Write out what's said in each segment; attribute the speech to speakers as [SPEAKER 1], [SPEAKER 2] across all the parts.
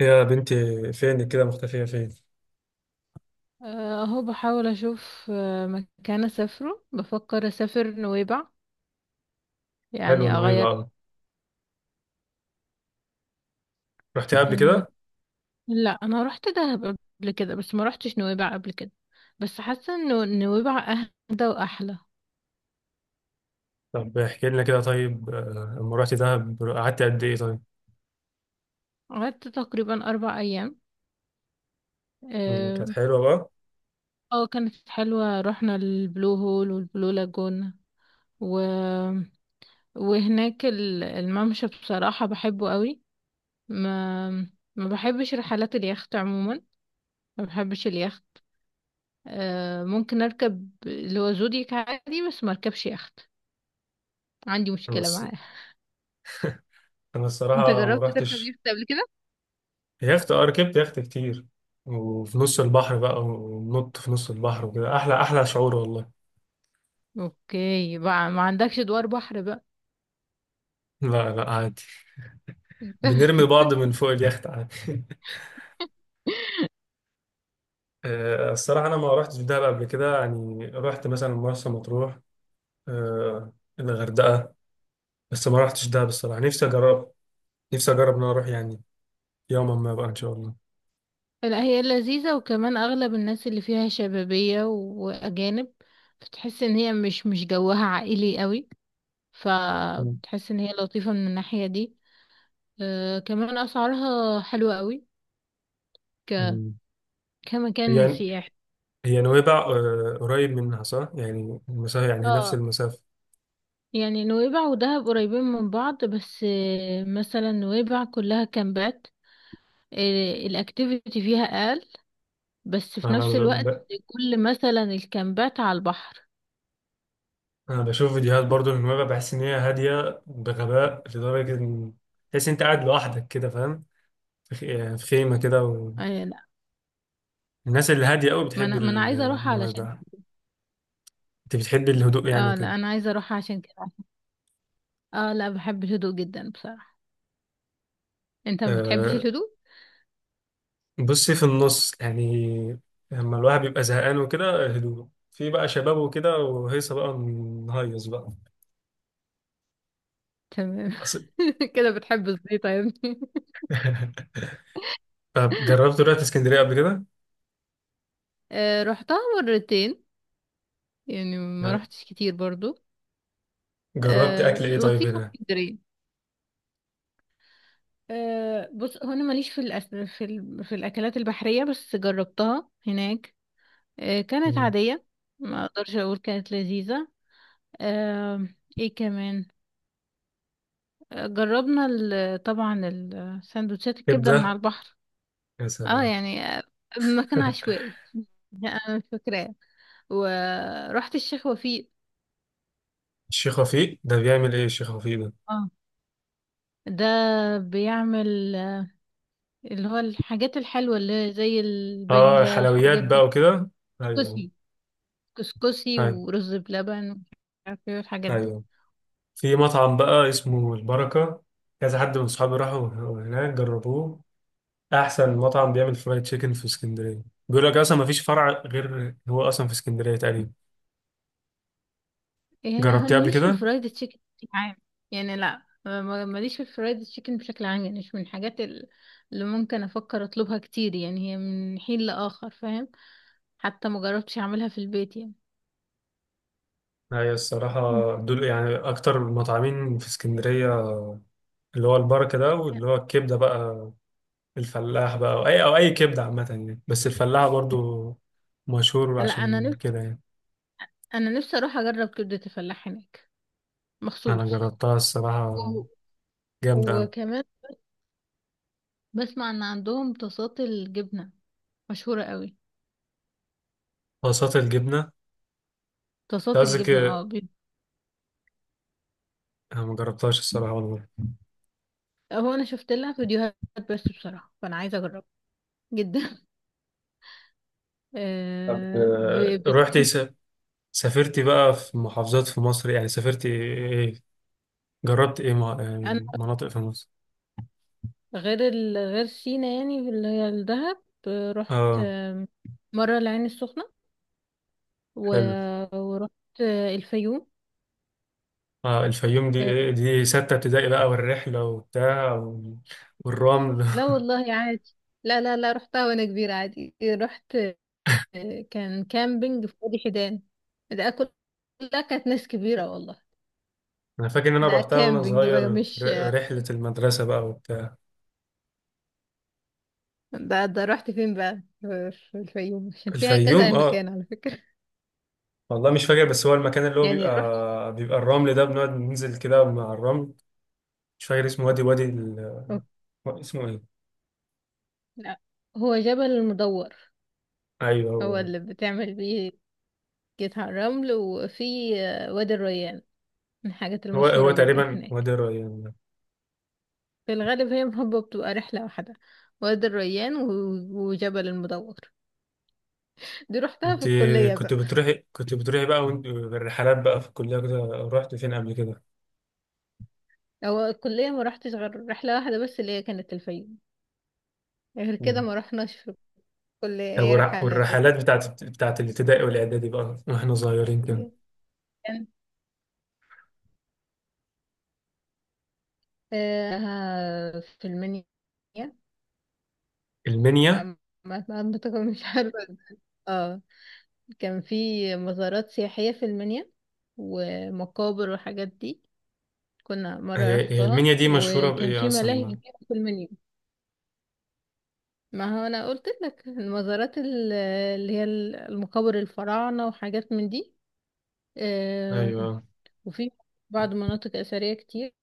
[SPEAKER 1] يا بنتي، فين كده مختفية فين؟
[SPEAKER 2] اهو بحاول اشوف مكان اسافره بفكر اسافر نويبع.
[SPEAKER 1] حلوة
[SPEAKER 2] يعني اغير.
[SPEAKER 1] نويبع أوي. رحتي قبل
[SPEAKER 2] أه،
[SPEAKER 1] كده؟
[SPEAKER 2] لا انا رحت دهب قبل كده، بس ما رحتش نويبع قبل كده. بس حاسه انه نويبع اهدى واحلى.
[SPEAKER 1] طب احكي لنا كده، طيب. لما رحتي دهب قعدتي قد إيه طيب؟
[SPEAKER 2] قعدت تقريبا 4 ايام،
[SPEAKER 1] كانت
[SPEAKER 2] اه.
[SPEAKER 1] حلوة بقى؟
[SPEAKER 2] كانت حلوه، رحنا البلو هول والبلو لاجون و... وهناك الممشى بصراحه بحبه قوي. ما ما بحبش رحلات اليخت عموما، ما بحبش. ممكن اركب اللي هو زودياك عادي، بس ما اركبش يخت. عندي
[SPEAKER 1] أنا
[SPEAKER 2] مشكلة
[SPEAKER 1] الص-
[SPEAKER 2] معاه.
[SPEAKER 1] أنا
[SPEAKER 2] انت
[SPEAKER 1] الصراحة ما
[SPEAKER 2] جربت تركب
[SPEAKER 1] رحتش.
[SPEAKER 2] يخت قبل كده؟
[SPEAKER 1] يخت؟ ركبت يخت كتير، وفي نص البحر بقى ونط في نص البحر وكده. أحلى أحلى شعور والله.
[SPEAKER 2] اوكي بقى، ما عندكش دوار بحر بقى.
[SPEAKER 1] لا، لا، عادي. بنرمي بعض من فوق اليخت عادي. الصراحة أنا ما رحتش دهب قبل كده، يعني رحت مثلا مرسى مطروح، آه، الغردقة. بس ما رحتش ده، بصراحة نفسي أجرب إن أنا أروح يعني. يوما ما بقى إن شاء الله.
[SPEAKER 2] لا هي لذيذة، وكمان اغلب الناس اللي فيها شبابية واجانب. بتحس ان هي مش جوها عائلي قوي،
[SPEAKER 1] مم.
[SPEAKER 2] فبتحس ان هي لطيفة من الناحية دي. كمان اسعارها حلوة قوي. ك...
[SPEAKER 1] مم.
[SPEAKER 2] كمكان
[SPEAKER 1] هي
[SPEAKER 2] سياحي.
[SPEAKER 1] هي نويبع قريب منها، صح؟ يعني المسافة، يعني هي نفس
[SPEAKER 2] اه،
[SPEAKER 1] المسافة.
[SPEAKER 2] يعني نويبع ودهب قريبين من بعض، بس مثلا نويبع كلها كامبات. الاكتيفيتي فيها اقل، بس في
[SPEAKER 1] أنا
[SPEAKER 2] نفس
[SPEAKER 1] ب...
[SPEAKER 2] الوقت
[SPEAKER 1] ب...
[SPEAKER 2] كل مثلا الكامبات على البحر.
[SPEAKER 1] أنا بشوف فيديوهات برضو من نويبع، بحس إن هي هادية بغباء لدرجة إن تحس إن أنت قاعد لوحدك كده، فاهم؟ يعني في خيمة كده.
[SPEAKER 2] آه، لا،
[SPEAKER 1] والناس اللي هادية أوي
[SPEAKER 2] ما
[SPEAKER 1] بتحب
[SPEAKER 2] انا ما انا عايزه اروح علشان.
[SPEAKER 1] نويبع. أنت بتحب الهدوء يعني
[SPEAKER 2] اه
[SPEAKER 1] وكده.
[SPEAKER 2] لا، انا عايزه اروح عشان كده. اه لا، بحب الهدوء جدا بصراحه. انت ما بتحبش
[SPEAKER 1] آه،
[SPEAKER 2] الهدوء؟
[SPEAKER 1] بصي في النص يعني. لما الواحد بيبقى زهقان وكده، هدوء، في بقى شباب وكده وهيصة بقى، نهيص بقى.
[SPEAKER 2] تمام.
[SPEAKER 1] أصل-
[SPEAKER 2] كده بتحب الزيطه يا ابني.
[SPEAKER 1] طب جربت، رحت اسكندرية قبل كده؟
[SPEAKER 2] آه، رحتها مرتين. يعني ما
[SPEAKER 1] لا.
[SPEAKER 2] رحتش كتير برضو.
[SPEAKER 1] جربت أكل
[SPEAKER 2] آه،
[SPEAKER 1] إيه طيب
[SPEAKER 2] لطيفه
[SPEAKER 1] هنا؟
[SPEAKER 2] اسكندريه. أه بص، هو انا ماليش في في الاكلات البحريه، بس جربتها هناك. أه كانت
[SPEAKER 1] مم.
[SPEAKER 2] عاديه. ما اقدرش اقول كانت لذيذه. أه، ايه كمان. أه جربنا طبعا السندوتشات الكبده من على
[SPEAKER 1] كبدة؟
[SPEAKER 2] البحر.
[SPEAKER 1] يا
[SPEAKER 2] اه
[SPEAKER 1] سلام.
[SPEAKER 2] يعني، مكان عشوائي. انا مش فاكراه. ورحت الشيخ وفيق.
[SPEAKER 1] الشيخ وفيق ده بيعمل إيه، الشيخ وفيق ده؟
[SPEAKER 2] اه، ده بيعمل اللي هو الحاجات الحلوه اللي زي البليله،
[SPEAKER 1] حلويات
[SPEAKER 2] الحاجات
[SPEAKER 1] بقى
[SPEAKER 2] دي.
[SPEAKER 1] وكده. أيوه.
[SPEAKER 2] بصي، كسكسي
[SPEAKER 1] أيوه.
[SPEAKER 2] ورز بلبن ومش عارف ايه والحاجات دي.
[SPEAKER 1] أيوه. في مطعم بقى اسمه البركة. كذا حد من صحابي راحوا هناك جربوه. احسن مطعم بيعمل فرايد تشيكن في اسكندريه. بيقول لك اصلا ما فيش فرع غير هو اصلا في اسكندريه تقريبا.
[SPEAKER 2] يعني لا، انا
[SPEAKER 1] جربتيه قبل
[SPEAKER 2] ماليش في
[SPEAKER 1] كده؟
[SPEAKER 2] الفرايد تشيكن بشكل عام. يعني لا، ماليش في الفرايد تشيكن بشكل عام. يعني مش من الحاجات اللي ممكن افكر اطلبها كتير. يعني هي من حين لاخر، فاهم. حتى ما جربتش اعملها في البيت يعني.
[SPEAKER 1] هي الصراحه،
[SPEAKER 2] م.
[SPEAKER 1] دول يعني اكتر المطعمين في اسكندريه. اللي هو البركه ده واللي هو الكبده بقى، الفلاح بقى، او اي كبده عامه يعني، بس الفلاح برضو مشهور
[SPEAKER 2] لا انا
[SPEAKER 1] عشان
[SPEAKER 2] نفسي
[SPEAKER 1] كده يعني.
[SPEAKER 2] انا نفسي اروح اجرب كبدة الفلاح هناك
[SPEAKER 1] انا
[SPEAKER 2] مخصوص.
[SPEAKER 1] جربتها
[SPEAKER 2] و...
[SPEAKER 1] الصراحه، جامده أوي.
[SPEAKER 2] وكمان بسمع ان عندهم طاسات الجبنة مشهورة قوي.
[SPEAKER 1] طاسات الجبنه؟ أنت
[SPEAKER 2] طاسات
[SPEAKER 1] قصدك
[SPEAKER 2] الجبنة
[SPEAKER 1] إيه؟
[SPEAKER 2] اه.
[SPEAKER 1] أنا ما جربتهاش الصراحه والله.
[SPEAKER 2] هو انا شفت لها فيديوهات، بس بصراحه فانا عايزه اجربها جدا.
[SPEAKER 1] طب
[SPEAKER 2] آه،
[SPEAKER 1] رحت،
[SPEAKER 2] بتكون.
[SPEAKER 1] سافرتي بقى في محافظات في مصر، يعني سافرتي ايه إيه، جربت ايه
[SPEAKER 2] انا
[SPEAKER 1] يعني مناطق في مصر.
[SPEAKER 2] غير سينا، يعني اللي هي الدهب. رحت
[SPEAKER 1] اه.
[SPEAKER 2] مره العين السخنه و...
[SPEAKER 1] حلو.
[SPEAKER 2] ورحت الفيوم.
[SPEAKER 1] اه الفيوم دي إيه؟
[SPEAKER 2] آه،
[SPEAKER 1] دي ستة ابتدائي بقى والرحلة وبتاع والرمل.
[SPEAKER 2] لا والله عادي. لا رحتها وانا كبيره عادي، رحت. آه، كان كامبينج في وادي حيدان. ده كل- كلها كانت ناس كبيره والله.
[SPEAKER 1] انا فاكر ان انا
[SPEAKER 2] ده
[SPEAKER 1] رحتها وانا
[SPEAKER 2] كامبينج بقى،
[SPEAKER 1] صغير في
[SPEAKER 2] مش
[SPEAKER 1] رحلة المدرسة بقى وبتاع.
[SPEAKER 2] ده رحت فين بقى، في الفيوم عشان فيها
[SPEAKER 1] الفيوم،
[SPEAKER 2] كذا
[SPEAKER 1] اه.
[SPEAKER 2] مكان على فكرة.
[SPEAKER 1] والله مش فاكر، بس هو المكان اللي هو
[SPEAKER 2] يعني رحت.
[SPEAKER 1] بيبقى الرمل ده بنقعد ننزل كده مع الرمل. مش فاكر اسمه، وادي، وادي
[SPEAKER 2] أوكي.
[SPEAKER 1] اسمه ايه؟
[SPEAKER 2] لا، هو جبل المدور،
[SPEAKER 1] ايوه
[SPEAKER 2] هو
[SPEAKER 1] هو
[SPEAKER 2] اللي بتعمل بيه، جيت على الرمل. وفي وادي الريان، من الحاجات
[SPEAKER 1] هو هو
[SPEAKER 2] المشهورة جدا
[SPEAKER 1] تقريبا
[SPEAKER 2] هناك.
[SPEAKER 1] وادي الريان.
[SPEAKER 2] في الغالب هي محبة بتبقى رحلة واحدة، وادي الريان وجبل المدور. دي رحتها
[SPEAKER 1] انت
[SPEAKER 2] في الكلية
[SPEAKER 1] كنت
[SPEAKER 2] بقى.
[SPEAKER 1] بتروحي كنت بتروحي بقى بالرحلات بقى في الكلية كده. رحت فين قبل كده؟
[SPEAKER 2] هو الكلية ما رحتش غير رحلة واحدة، بس اللي هي كانت الفيوم. غير كده
[SPEAKER 1] مم.
[SPEAKER 2] ما رحناش في الكلية
[SPEAKER 1] طب
[SPEAKER 2] أي
[SPEAKER 1] والرحلات بتاعت الابتدائي والإعدادي بقى واحنا صغيرين كده.
[SPEAKER 2] رحلات. في المنيا. ما
[SPEAKER 1] المنيا.
[SPEAKER 2] منطقة، مش عارفة. اه، كان في مزارات سياحية في المنيا، ومقابر وحاجات دي. كنا مرة
[SPEAKER 1] هي
[SPEAKER 2] رحتها
[SPEAKER 1] المنيا دي مشهورة
[SPEAKER 2] وكان
[SPEAKER 1] بإيه
[SPEAKER 2] في ملاهي
[SPEAKER 1] أصلا؟
[SPEAKER 2] كبيرة في المنيا. ما هو أنا قلت لك المزارات اللي هي المقابر، الفراعنة وحاجات من دي. آه،
[SPEAKER 1] أيوه.
[SPEAKER 2] وفي بعض مناطق أثرية كتير.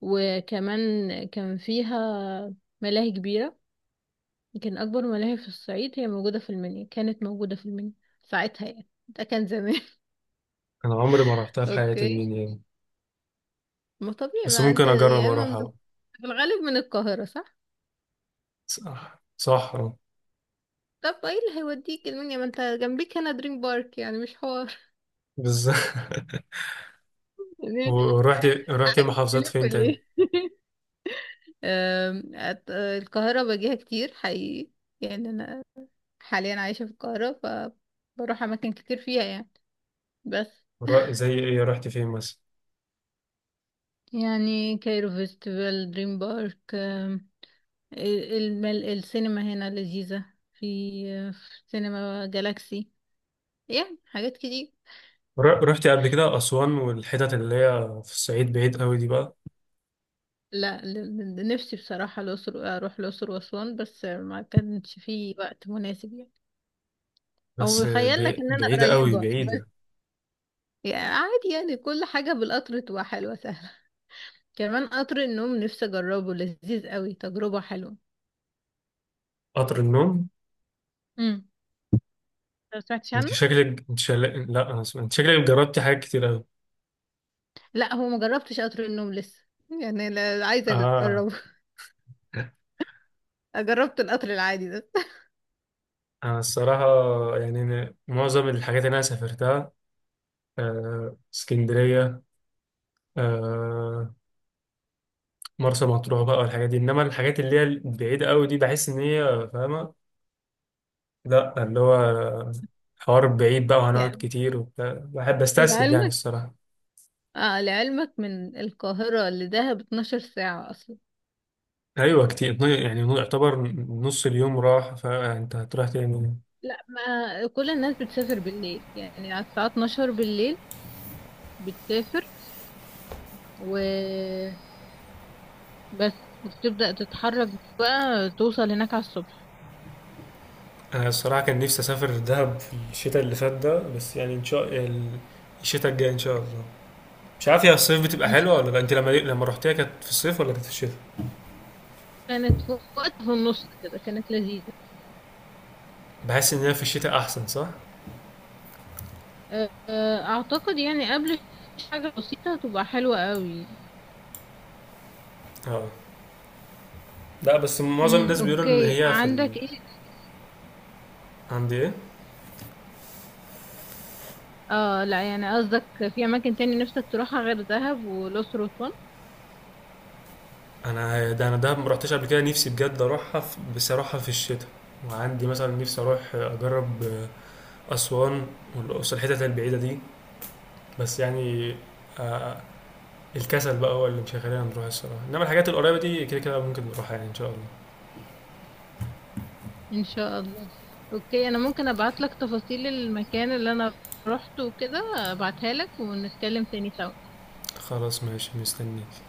[SPEAKER 2] وكمان كان فيها ملاهي كبيرة، يمكن أكبر ملاهي في الصعيد هي موجودة في المنيا، كانت موجودة في المنيا ساعتها. يعني ده كان زمان.
[SPEAKER 1] أنا عمري ما رحتها في حياتي
[SPEAKER 2] اوكي.
[SPEAKER 1] المنيا دي.
[SPEAKER 2] ما طبيعي،
[SPEAKER 1] بس
[SPEAKER 2] ما انت
[SPEAKER 1] ممكن أجرب
[SPEAKER 2] يا اما من،
[SPEAKER 1] أروحها بقى.
[SPEAKER 2] في الغالب من القاهرة صح؟
[SPEAKER 1] صح، صحرا.
[SPEAKER 2] طب ايه اللي هيوديك المنيا، ما انت جنبيك هنا دريم بارك، يعني مش حوار.
[SPEAKER 1] بالظبط.
[SPEAKER 2] يعني
[SPEAKER 1] ورحت
[SPEAKER 2] عايز
[SPEAKER 1] محافظات فين
[SPEAKER 2] تلف
[SPEAKER 1] تاني؟
[SPEAKER 2] ليه؟ القاهرة باجيها كتير حقيقي. يعني أنا حاليا عايشة في القاهرة، فبروح أماكن كتير فيها يعني. بس
[SPEAKER 1] زي إيه، رحت فين مثلا؟
[SPEAKER 2] يعني كايرو فيستيفال، دريم بارك. السينما هنا لذيذة. في في سينما جالاكسي. يعني حاجات كتير.
[SPEAKER 1] رحت قبل كده أسوان والحتت اللي هي في الصعيد بعيد قوي دي بقى؟
[SPEAKER 2] لا، نفسي بصراحة الأقصر، أروح الأقصر وأسوان، بس ما كانش في وقت مناسب يعني. أو
[SPEAKER 1] بس
[SPEAKER 2] بيخيل لك إن أنا
[SPEAKER 1] بعيدة قوي،
[SPEAKER 2] قريبة، بس
[SPEAKER 1] بعيدة.
[SPEAKER 2] يعني عادي. يعني كل حاجة بالقطر تبقى حلوة سهلة. كمان قطر النوم نفسي أجربه، لذيذ قوي تجربة حلوة.
[SPEAKER 1] قطر النوم؟
[SPEAKER 2] امم، ما سمعتش
[SPEAKER 1] انت
[SPEAKER 2] عنه؟
[SPEAKER 1] شكلك، لا أنا اسف، انت شكلك جربتي حاجات كتير قوي.
[SPEAKER 2] لا، هو ما جربتش قطر النوم لسه، يعني لا، عايزة
[SPEAKER 1] اه.
[SPEAKER 2] أجربه. جربت القطر العادي ده.
[SPEAKER 1] انا الصراحة، يعني أنا معظم الحاجات اللي انا سافرتها اسكندرية، آه، مرسى مطروح بقى والحاجات دي. انما الحاجات اللي هي البعيدة قوي دي بحس ان هي فاهمة. لا، اللي هو حوار بعيد بقى وهنقعد
[SPEAKER 2] يعني
[SPEAKER 1] كتير وبتاع. بحب استسهل يعني
[SPEAKER 2] العلم،
[SPEAKER 1] الصراحة.
[SPEAKER 2] آه لعلمك من القاهرة لدهب 12 ساعة أصلا.
[SPEAKER 1] ايوه كتير، يعني يعتبر نص اليوم راح، فانت هتروح تاني.
[SPEAKER 2] لا، ما كل الناس بتسافر بالليل، يعني على الساعة 12 بالليل بتسافر وبس، وبتبدأ تتحرك بقى توصل هناك على الصبح.
[SPEAKER 1] انا الصراحه كان نفسي اسافر دهب في الشتاء اللي فات ده، بس يعني الشتاء الجاي ان شاء الله. مش عارف هي الصيف بتبقى
[SPEAKER 2] إن شاء
[SPEAKER 1] حلوه ولا لا.
[SPEAKER 2] الله.
[SPEAKER 1] انت لما رحتيها كانت في الصيف ولا كانت في الشتاء؟
[SPEAKER 2] كانت في وقت في النص كده، كانت لذيذة.
[SPEAKER 1] بحس ان هي في الشتاء احسن، صح؟
[SPEAKER 2] آه، أعتقد يعني قبل حاجة بسيطة تبقى حلوة قوي.
[SPEAKER 1] اه، لا بس معظم
[SPEAKER 2] مم.
[SPEAKER 1] الناس بيقولوا ان
[SPEAKER 2] أوكي،
[SPEAKER 1] هي في
[SPEAKER 2] عندك إيه؟
[SPEAKER 1] عند ايه؟
[SPEAKER 2] آه لا، يعني قصدك في أماكن تاني نفسك تروحها غير دهب والأقصر وأسوان.
[SPEAKER 1] انا ده، انا دهب ما رحتش قبل كده. نفسي بجد اروحها بس اروحها في الشتاء. وعندي مثلا نفسي اروح اجرب اسوان والاقصر، الحتت البعيده دي. بس يعني آه، الكسل بقى هو اللي مش هيخلينا نروح الصراحة. انما الحاجات القريبة دي كده كده ممكن نروحها يعني ان شاء الله.
[SPEAKER 2] ان شاء الله. اوكي، انا ممكن ابعت لك تفاصيل المكان اللي انا روحته وكده، ابعتها لك ونتكلم تاني سوا.
[SPEAKER 1] خلاص، ماشي، مستنيك.